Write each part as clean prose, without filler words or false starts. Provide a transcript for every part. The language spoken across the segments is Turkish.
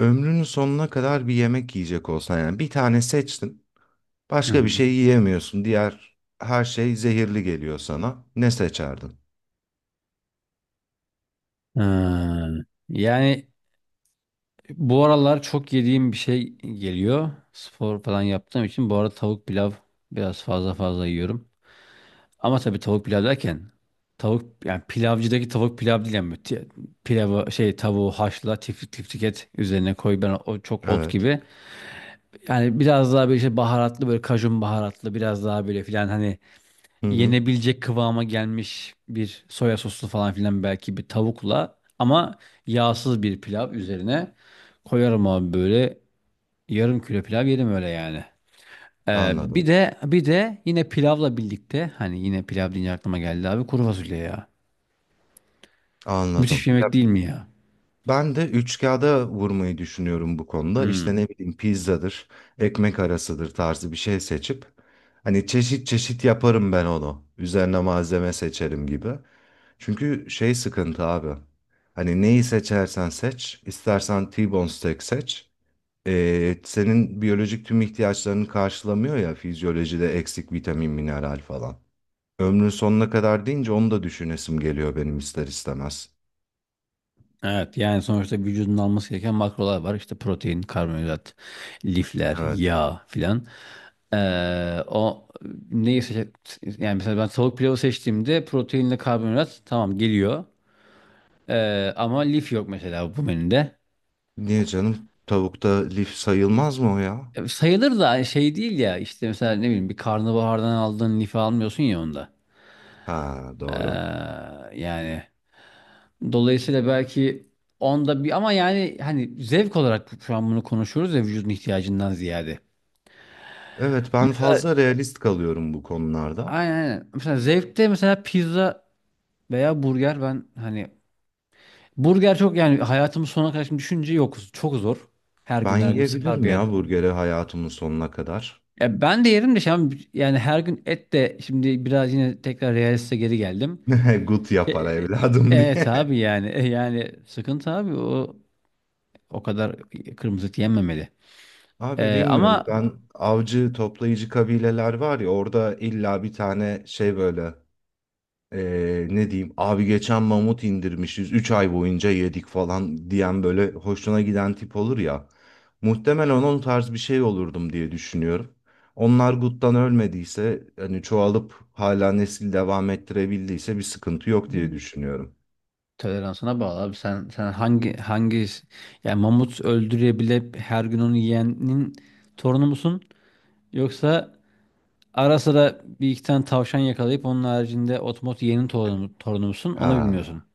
Ömrünün sonuna kadar bir yemek yiyecek olsan yani bir tane seçtin, Hı başka bir hı. şey yiyemiyorsun. Diğer her şey zehirli geliyor sana. Ne seçerdin? Ha, yani bu aralar çok yediğim bir şey geliyor. Spor falan yaptığım için bu arada tavuk pilav biraz fazla fazla yiyorum. Ama tabii tavuk pilav derken tavuk yani pilavcıdaki tavuk pilav değil yani pilavı şey tavuğu haşla tiftik tiftik et üzerine koy ben o çok ot Evet. gibi. Yani biraz daha böyle işte baharatlı böyle kajun baharatlı biraz daha böyle filan hani Hı hı, yenebilecek kıvama gelmiş bir soya soslu falan filan belki bir tavukla ama yağsız bir pilav üzerine koyarım abi böyle yarım kilo pilav yerim öyle yani. Bir anladım. de bir de yine pilavla birlikte hani yine pilav deyince aklıma geldi abi kuru fasulye ya. Anladım. Müthiş bir Ya yemek değil mi ya? ben de üç kağıda vurmayı düşünüyorum bu konuda. İşte Hmm, ne bileyim pizzadır, ekmek arasıdır tarzı bir şey seçip hani çeşit çeşit yaparım ben onu. Üzerine malzeme seçerim gibi. Çünkü şey sıkıntı abi. Hani neyi seçersen seç, istersen T-bone steak seç. Senin biyolojik tüm ihtiyaçlarını karşılamıyor ya fizyolojide eksik vitamin, mineral falan. Ömrün sonuna kadar deyince onu da düşünesim geliyor benim ister istemez. evet, yani sonuçta vücudun alması gereken makrolar var. İşte protein, karbonhidrat, lifler, Evet. yağ filan. O neyi seçe yani mesela ben tavuk pilavı seçtiğimde proteinle karbonhidrat tamam geliyor. Ama lif yok mesela bu menüde. Niye canım? Tavukta lif sayılmaz mı o ya? E, sayılır da hani şey değil ya işte mesela ne bileyim bir karnabahardan aldığın lifi almıyorsun ya onda. Ha doğru. Ee, yani dolayısıyla belki onda bir ama yani hani zevk olarak şu an bunu konuşuyoruz ya vücudun ihtiyacından ziyade. Evet ben Mesela fazla realist kalıyorum bu konularda. aynen, aynen. Mesela zevkte mesela pizza veya burger ben hani burger çok yani hayatımın sonuna kadar şimdi düşünce yok. Çok zor. Her Ben gün her gün sıkar yiyebilirim bir yer. ya burgeri hayatımın sonuna kadar. Ya ben de yerim de şimdi yani her gün et de şimdi biraz yine tekrar realiste geri geldim. Gut E, yapar e- evladım evet diye. abi yani yani sıkıntı abi o kadar kırmızı et yenmemeli. Abi E, bilmiyorum ama ben avcı toplayıcı kabileler var ya orada illa bir tane şey böyle. Ne diyeyim abi geçen mamut indirmişiz 3 ay boyunca yedik falan diyen böyle hoşuna giden tip olur ya. Muhtemelen onun tarz bir şey olurdum diye düşünüyorum. Onlar guttan ölmediyse hani çoğalıp hala nesil devam ettirebildiyse bir sıkıntı yok diye hmm, düşünüyorum. toleransına bağlı abi sen hangi yani mamut öldürebilip her gün onu yiyenin torunu musun? Yoksa ara sıra bir iki tane tavşan yakalayıp onun haricinde otomot yeğenin torunumsun onu bilmiyorsun. Ha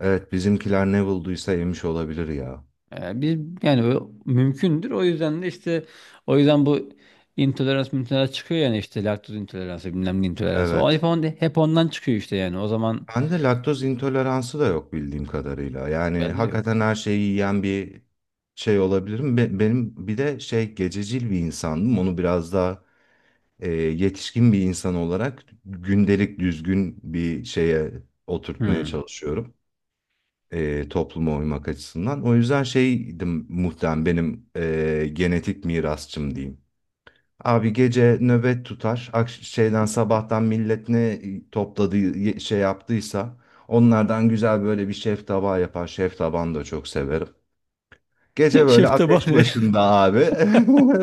evet bizimkiler ne bulduysa yemiş olabilir ya. Ee, bir, yani o mümkündür o yüzden de işte o yüzden bu intolerans çıkıyor yani işte laktoz intoleransı bilmem ne intoleransı. O hep, Evet. on, hep ondan çıkıyor işte yani o zaman Bende laktoz intoleransı da yok bildiğim kadarıyla. Yani bende de yok. hakikaten her şeyi yiyen bir şey olabilirim. Benim bir de şey gececil bir insandım. Onu biraz daha yetişkin bir insan olarak gündelik düzgün bir şeye oturtmaya Hmm. çalışıyorum. Topluma uymak açısından. O yüzden şeydim muhtemelen benim genetik mirasçım diyeyim. Abi gece nöbet tutar. Şeyden sabahtan millet ne topladığı şey yaptıysa onlardan güzel böyle bir şef tabağı yapar. Şef tabağını da çok severim. Gece böyle ateş Şeftabani. başında abi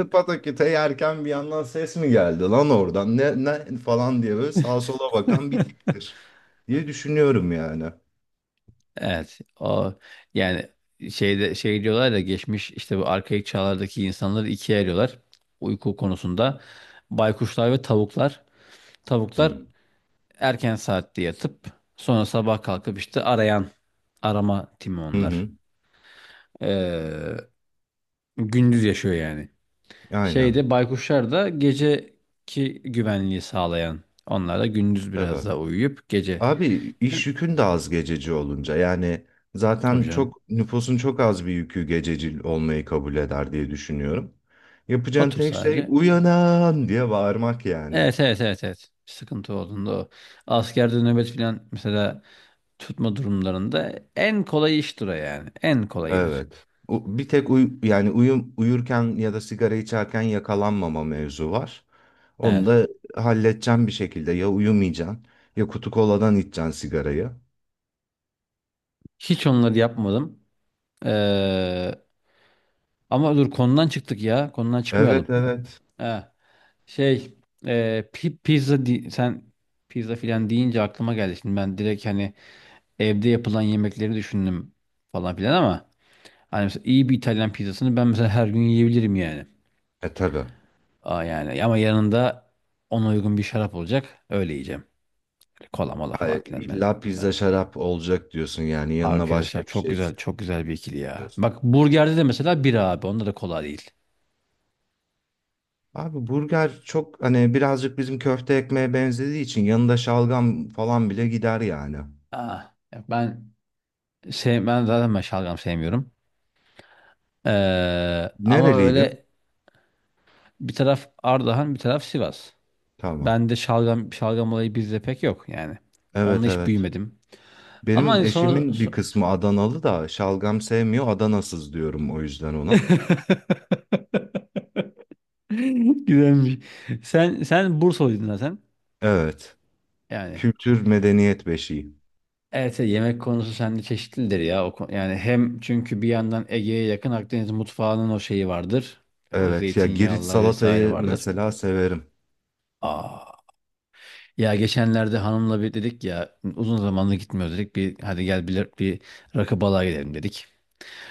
pataküte yerken bir yandan ses mi geldi lan oradan ne, ne falan diye böyle sağa sola bakan bir tiptir diye düşünüyorum yani. Evet, o yani şeyde şey diyorlar da geçmiş işte bu arkaik çağlardaki insanları ikiye ayırıyorlar uyku konusunda. Baykuşlar ve tavuklar. Tavuklar Hı erken saatte yatıp sonra sabah kalkıp işte arayan arama timi hı. onlar. Hı. Ee, gündüz yaşıyor yani. Aynen. Şeyde baykuşlar da geceki güvenliği sağlayan. Onlar da gündüz biraz Evet. daha uyuyup gece. Abi iş yükün de az gececi olunca yani Tabii zaten canım. çok nüfusun çok az bir yükü gececi olmayı kabul eder diye düşünüyorum. Yapacağın Otur tek şey sadece. uyanan diye bağırmak yani. Evet, evet, evet, evet. Sıkıntı olduğunda o. Askerde nöbet falan mesela tutma durumlarında en kolay iştir o yani. En kolayıdır. Evet. Bir tek yani uyurken ya da sigara içerken yakalanmama mevzu var. Onu Evet. da halledeceğim bir şekilde ya uyumayacaksın ya kutu koladan içeceksin sigarayı. Hiç onları yapmadım. Ee, Ama dur konudan çıktık ya. Konudan çıkmayalım. Evet evet. Ha, şey pizza sen pizza filan deyince aklıma geldi. Şimdi ben direkt hani evde yapılan yemekleri düşündüm falan filan ama hani mesela iyi bir İtalyan pizzasını ben mesela her gün yiyebilirim yani. E tabii. Aa, yani ama yanında ona uygun bir şarap olacak. Öyle yiyeceğim. Kola mola falan Hayır, filan ben. illa pizza ben- şarap olacak diyorsun yani Abi yanına pizza başka şarap bir çok şey güzel, çok güzel bir ikili ya. istiyorsun. Bak burgerde de mesela bira abi. Onda da kola değil. Abi burger çok hani birazcık bizim köfte ekmeğe benzediği için yanında şalgam falan bile gider yani. Aa, ben ben şalgam sevmiyorum. Ama Nereliydin? böyle bir taraf Ardahan, bir taraf Sivas. Tamam. Ben de şalgam şalgam olayı bizde pek yok yani. Onunla Evet hiç evet. büyümedim. Ama Benim hani sonra eşimin bir kısmı Adanalı da şalgam sevmiyor, Adanasız diyorum o yüzden ona. güzelmiş. Sen Bursalıydın zaten. Evet. Yani Kültür medeniyet beşiği. evet, yemek konusu sende çeşitlidir ya. Yani hem çünkü bir yandan Ege'ye yakın Akdeniz mutfağının o şeyi vardır. O Evet ya Girit zeytinyağlılar vesaire salatayı vardır. mesela severim. Aa, ya geçenlerde hanımla bir dedik ya uzun zamandır gitmiyoruz dedik. Bir hadi gel bir rakı balığa gidelim dedik.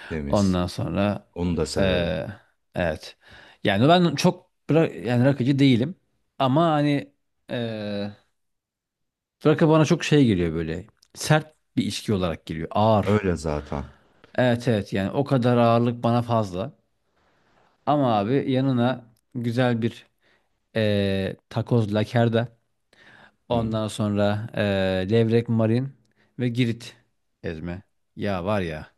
Temiz. Ondan sonra Onu da severim. eee, evet. Yani ben yani rakıcı değilim. Ama hani eee rakı bana çok şey geliyor böyle. Sert bir içki olarak geliyor. Ağır. Öyle zaten. Evet, evet, yani o kadar ağırlık bana fazla. Ama abi yanına güzel bir takoz, lakerda. Hı. Ondan sonra levrek, marin ve Girit ezme. Ya var ya.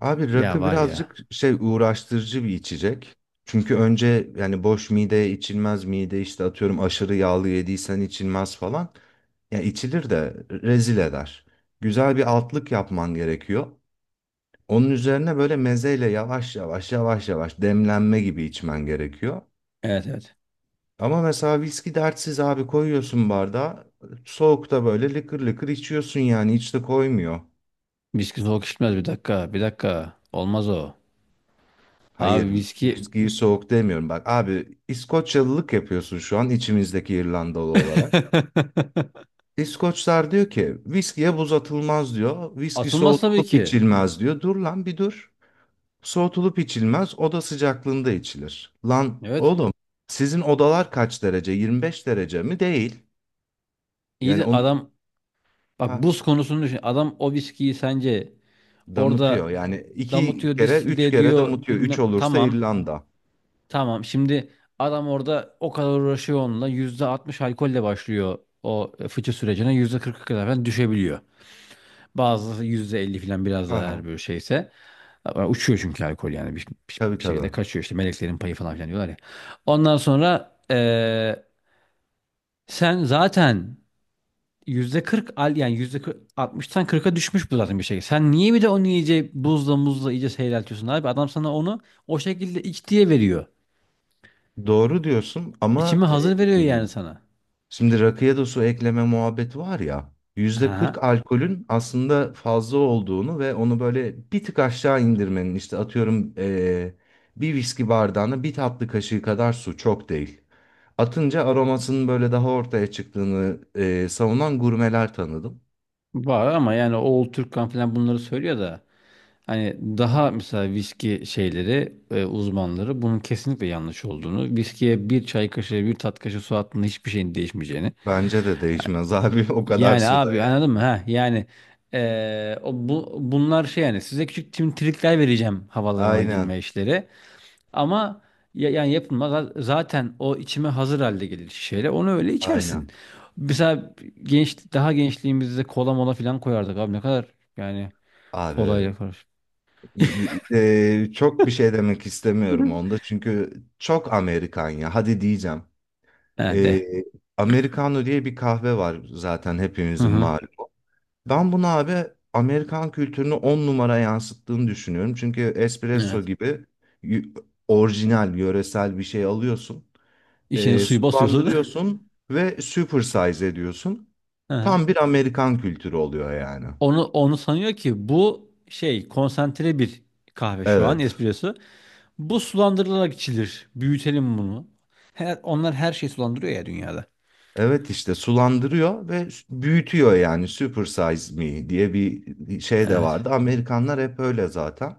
Abi Ya rakı var ya. birazcık şey uğraştırıcı bir içecek. Çünkü önce yani boş mideye içilmez, mide işte atıyorum aşırı yağlı yediysen içilmez falan. Ya içilir de rezil eder. Güzel bir altlık yapman gerekiyor. Onun üzerine böyle mezeyle yavaş yavaş yavaş yavaş demlenme gibi içmen gerekiyor. Evet, evet. Ama mesela viski dertsiz abi, koyuyorsun bardağa. Soğukta böyle lıkır lıkır içiyorsun yani hiç de koymuyor. Viski soğuk içmez, bir dakika. Bir dakika. Olmaz o. Abi Hayır, viski viskiyi soğuk demiyorum. Bak abi İskoçyalılık yapıyorsun şu an içimizdeki İrlandalı olarak. İskoçlar diyor ki viskiye buz atılmaz diyor. Viski atılmaz tabii soğutulup ki. içilmez diyor. Dur lan bir dur. Soğutulup içilmez, oda sıcaklığında içilir. Lan Evet. oğlum sizin odalar kaç derece? 25 derece mi? Değil. İyi Yani de onu adam bak ha, buz konusunu düşün. Adam o viskiyi sence damıtıyor. orada Yani iki damıtıyor, kere distille üç kere ediyor damıtıyor. Üç bilmem. olursa Tamam. İrlanda. Tamam şimdi adam orada o kadar uğraşıyor onunla. %60 alkolle başlıyor o fıçı sürecine. %40'a kadar falan düşebiliyor. Bazıları 50 falan biraz daha Aha, eğer böyle şeyse. Ama uçuyor çünkü alkol yani bir, bir- tabii bir şekilde tabii. kaçıyor işte meleklerin payı falan filan diyorlar ya. Ondan sonra sen zaten %40 al yani %60'tan 40'a düşmüş bu zaten bir şey. Sen niye bir de onu iyice buzla muzla iyice seyreltiyorsun abi? Adam sana onu o şekilde iç diye veriyor. Doğru diyorsun ama İçimi hazır veriyor e, yani sana. şimdi rakıya da su ekleme muhabbeti var ya. yüzde Ha, kırk alkolün aslında fazla olduğunu ve onu böyle bir tık aşağı indirmenin, işte atıyorum bir viski bardağına bir tatlı kaşığı kadar su çok değil. Atınca aromasının böyle daha ortaya çıktığını savunan gurmeler tanıdım. var ama yani Oğul Türkkan falan bunları söylüyor da hani daha mesela viski şeyleri uzmanları bunun kesinlikle yanlış olduğunu viskiye bir çay kaşığı bir tat kaşığı su attığında hiçbir şeyin değişmeyeceğini Bence de değişmez abi o kadar yani suda abi ya. anladın mı ha yani bunlar şey yani size küçük trikler vereceğim havalarına girme Aynen işleri. Ama yani yapılma zaten o içime hazır halde gelir şişeyle. Onu öyle içersin. aynen Mesela daha gençliğimizde kola mola falan koyardık abi ne kadar yani abi, kolayla karış. Çok bir şey demek istemiyorum onda çünkü çok Amerikan ya, hadi diyeceğim. He Ee, de. Americano diye bir kahve var zaten, Hı hepimizin hı. malumu. Ben bunu abi Amerikan kültürünü on numara yansıttığını düşünüyorum. Çünkü Evet. espresso gibi y- orijinal, yöresel bir şey alıyorsun. İçine suyu basıyorsun. Sulandırıyorsun ve super size ediyorsun. Hı hı. Tam bir Amerikan kültürü oluyor yani. Onu sanıyor ki bu şey konsantre bir kahve şu an Evet. espresso. Bu sulandırılarak içilir. Büyütelim bunu. Onlar her şeyi sulandırıyor ya dünyada. Evet işte sulandırıyor ve büyütüyor yani super size me diye bir şey de Evet. vardı. Amerikanlar hep öyle zaten.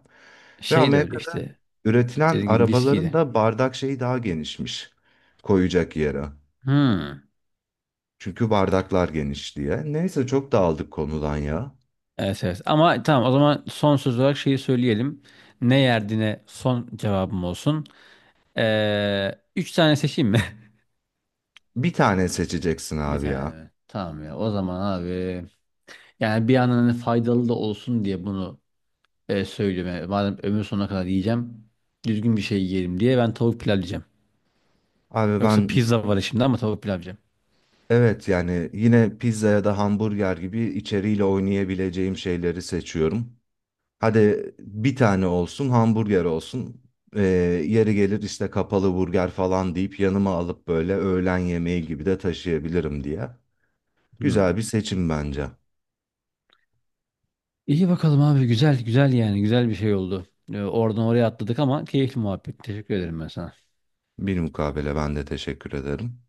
Ve Şey de öyle Amerika'da işte. üretilen Dediğim gibi viski arabaların de. da bardak şeyi daha genişmiş, koyacak yere. Hmm. Çünkü bardaklar geniş diye. Neyse çok dağıldık konudan ya. Evet, evet, ama tamam o zaman son söz olarak şeyi söyleyelim. Ne yerdiğine son cevabım olsun. Üç tane seçeyim mi? Bir tane seçeceksin Bir abi ya. tane mi? Tamam ya o zaman abi. Yani bir yandan hani faydalı da olsun diye bunu söylüyorum. Yani madem ömür sonuna kadar yiyeceğim. Düzgün bir şey yiyelim diye ben tavuk pilav yiyeceğim. Abi Yoksa ben, pizza var şimdi ama tavuk pilav yiyeceğim. evet, yani yine pizza ya da hamburger gibi içeriğiyle oynayabileceğim şeyleri seçiyorum. Hadi bir tane olsun, hamburger olsun. Ee, Yeri gelir işte, kapalı burger falan deyip yanıma alıp böyle öğlen yemeği gibi de taşıyabilirim diye. Hmm. Güzel bir seçim bence. İyi bakalım abi, güzel güzel yani güzel bir şey oldu. Oradan oraya atladık ama keyifli muhabbet. Teşekkür ederim ben sana. Bir mukabele, ben de teşekkür ederim.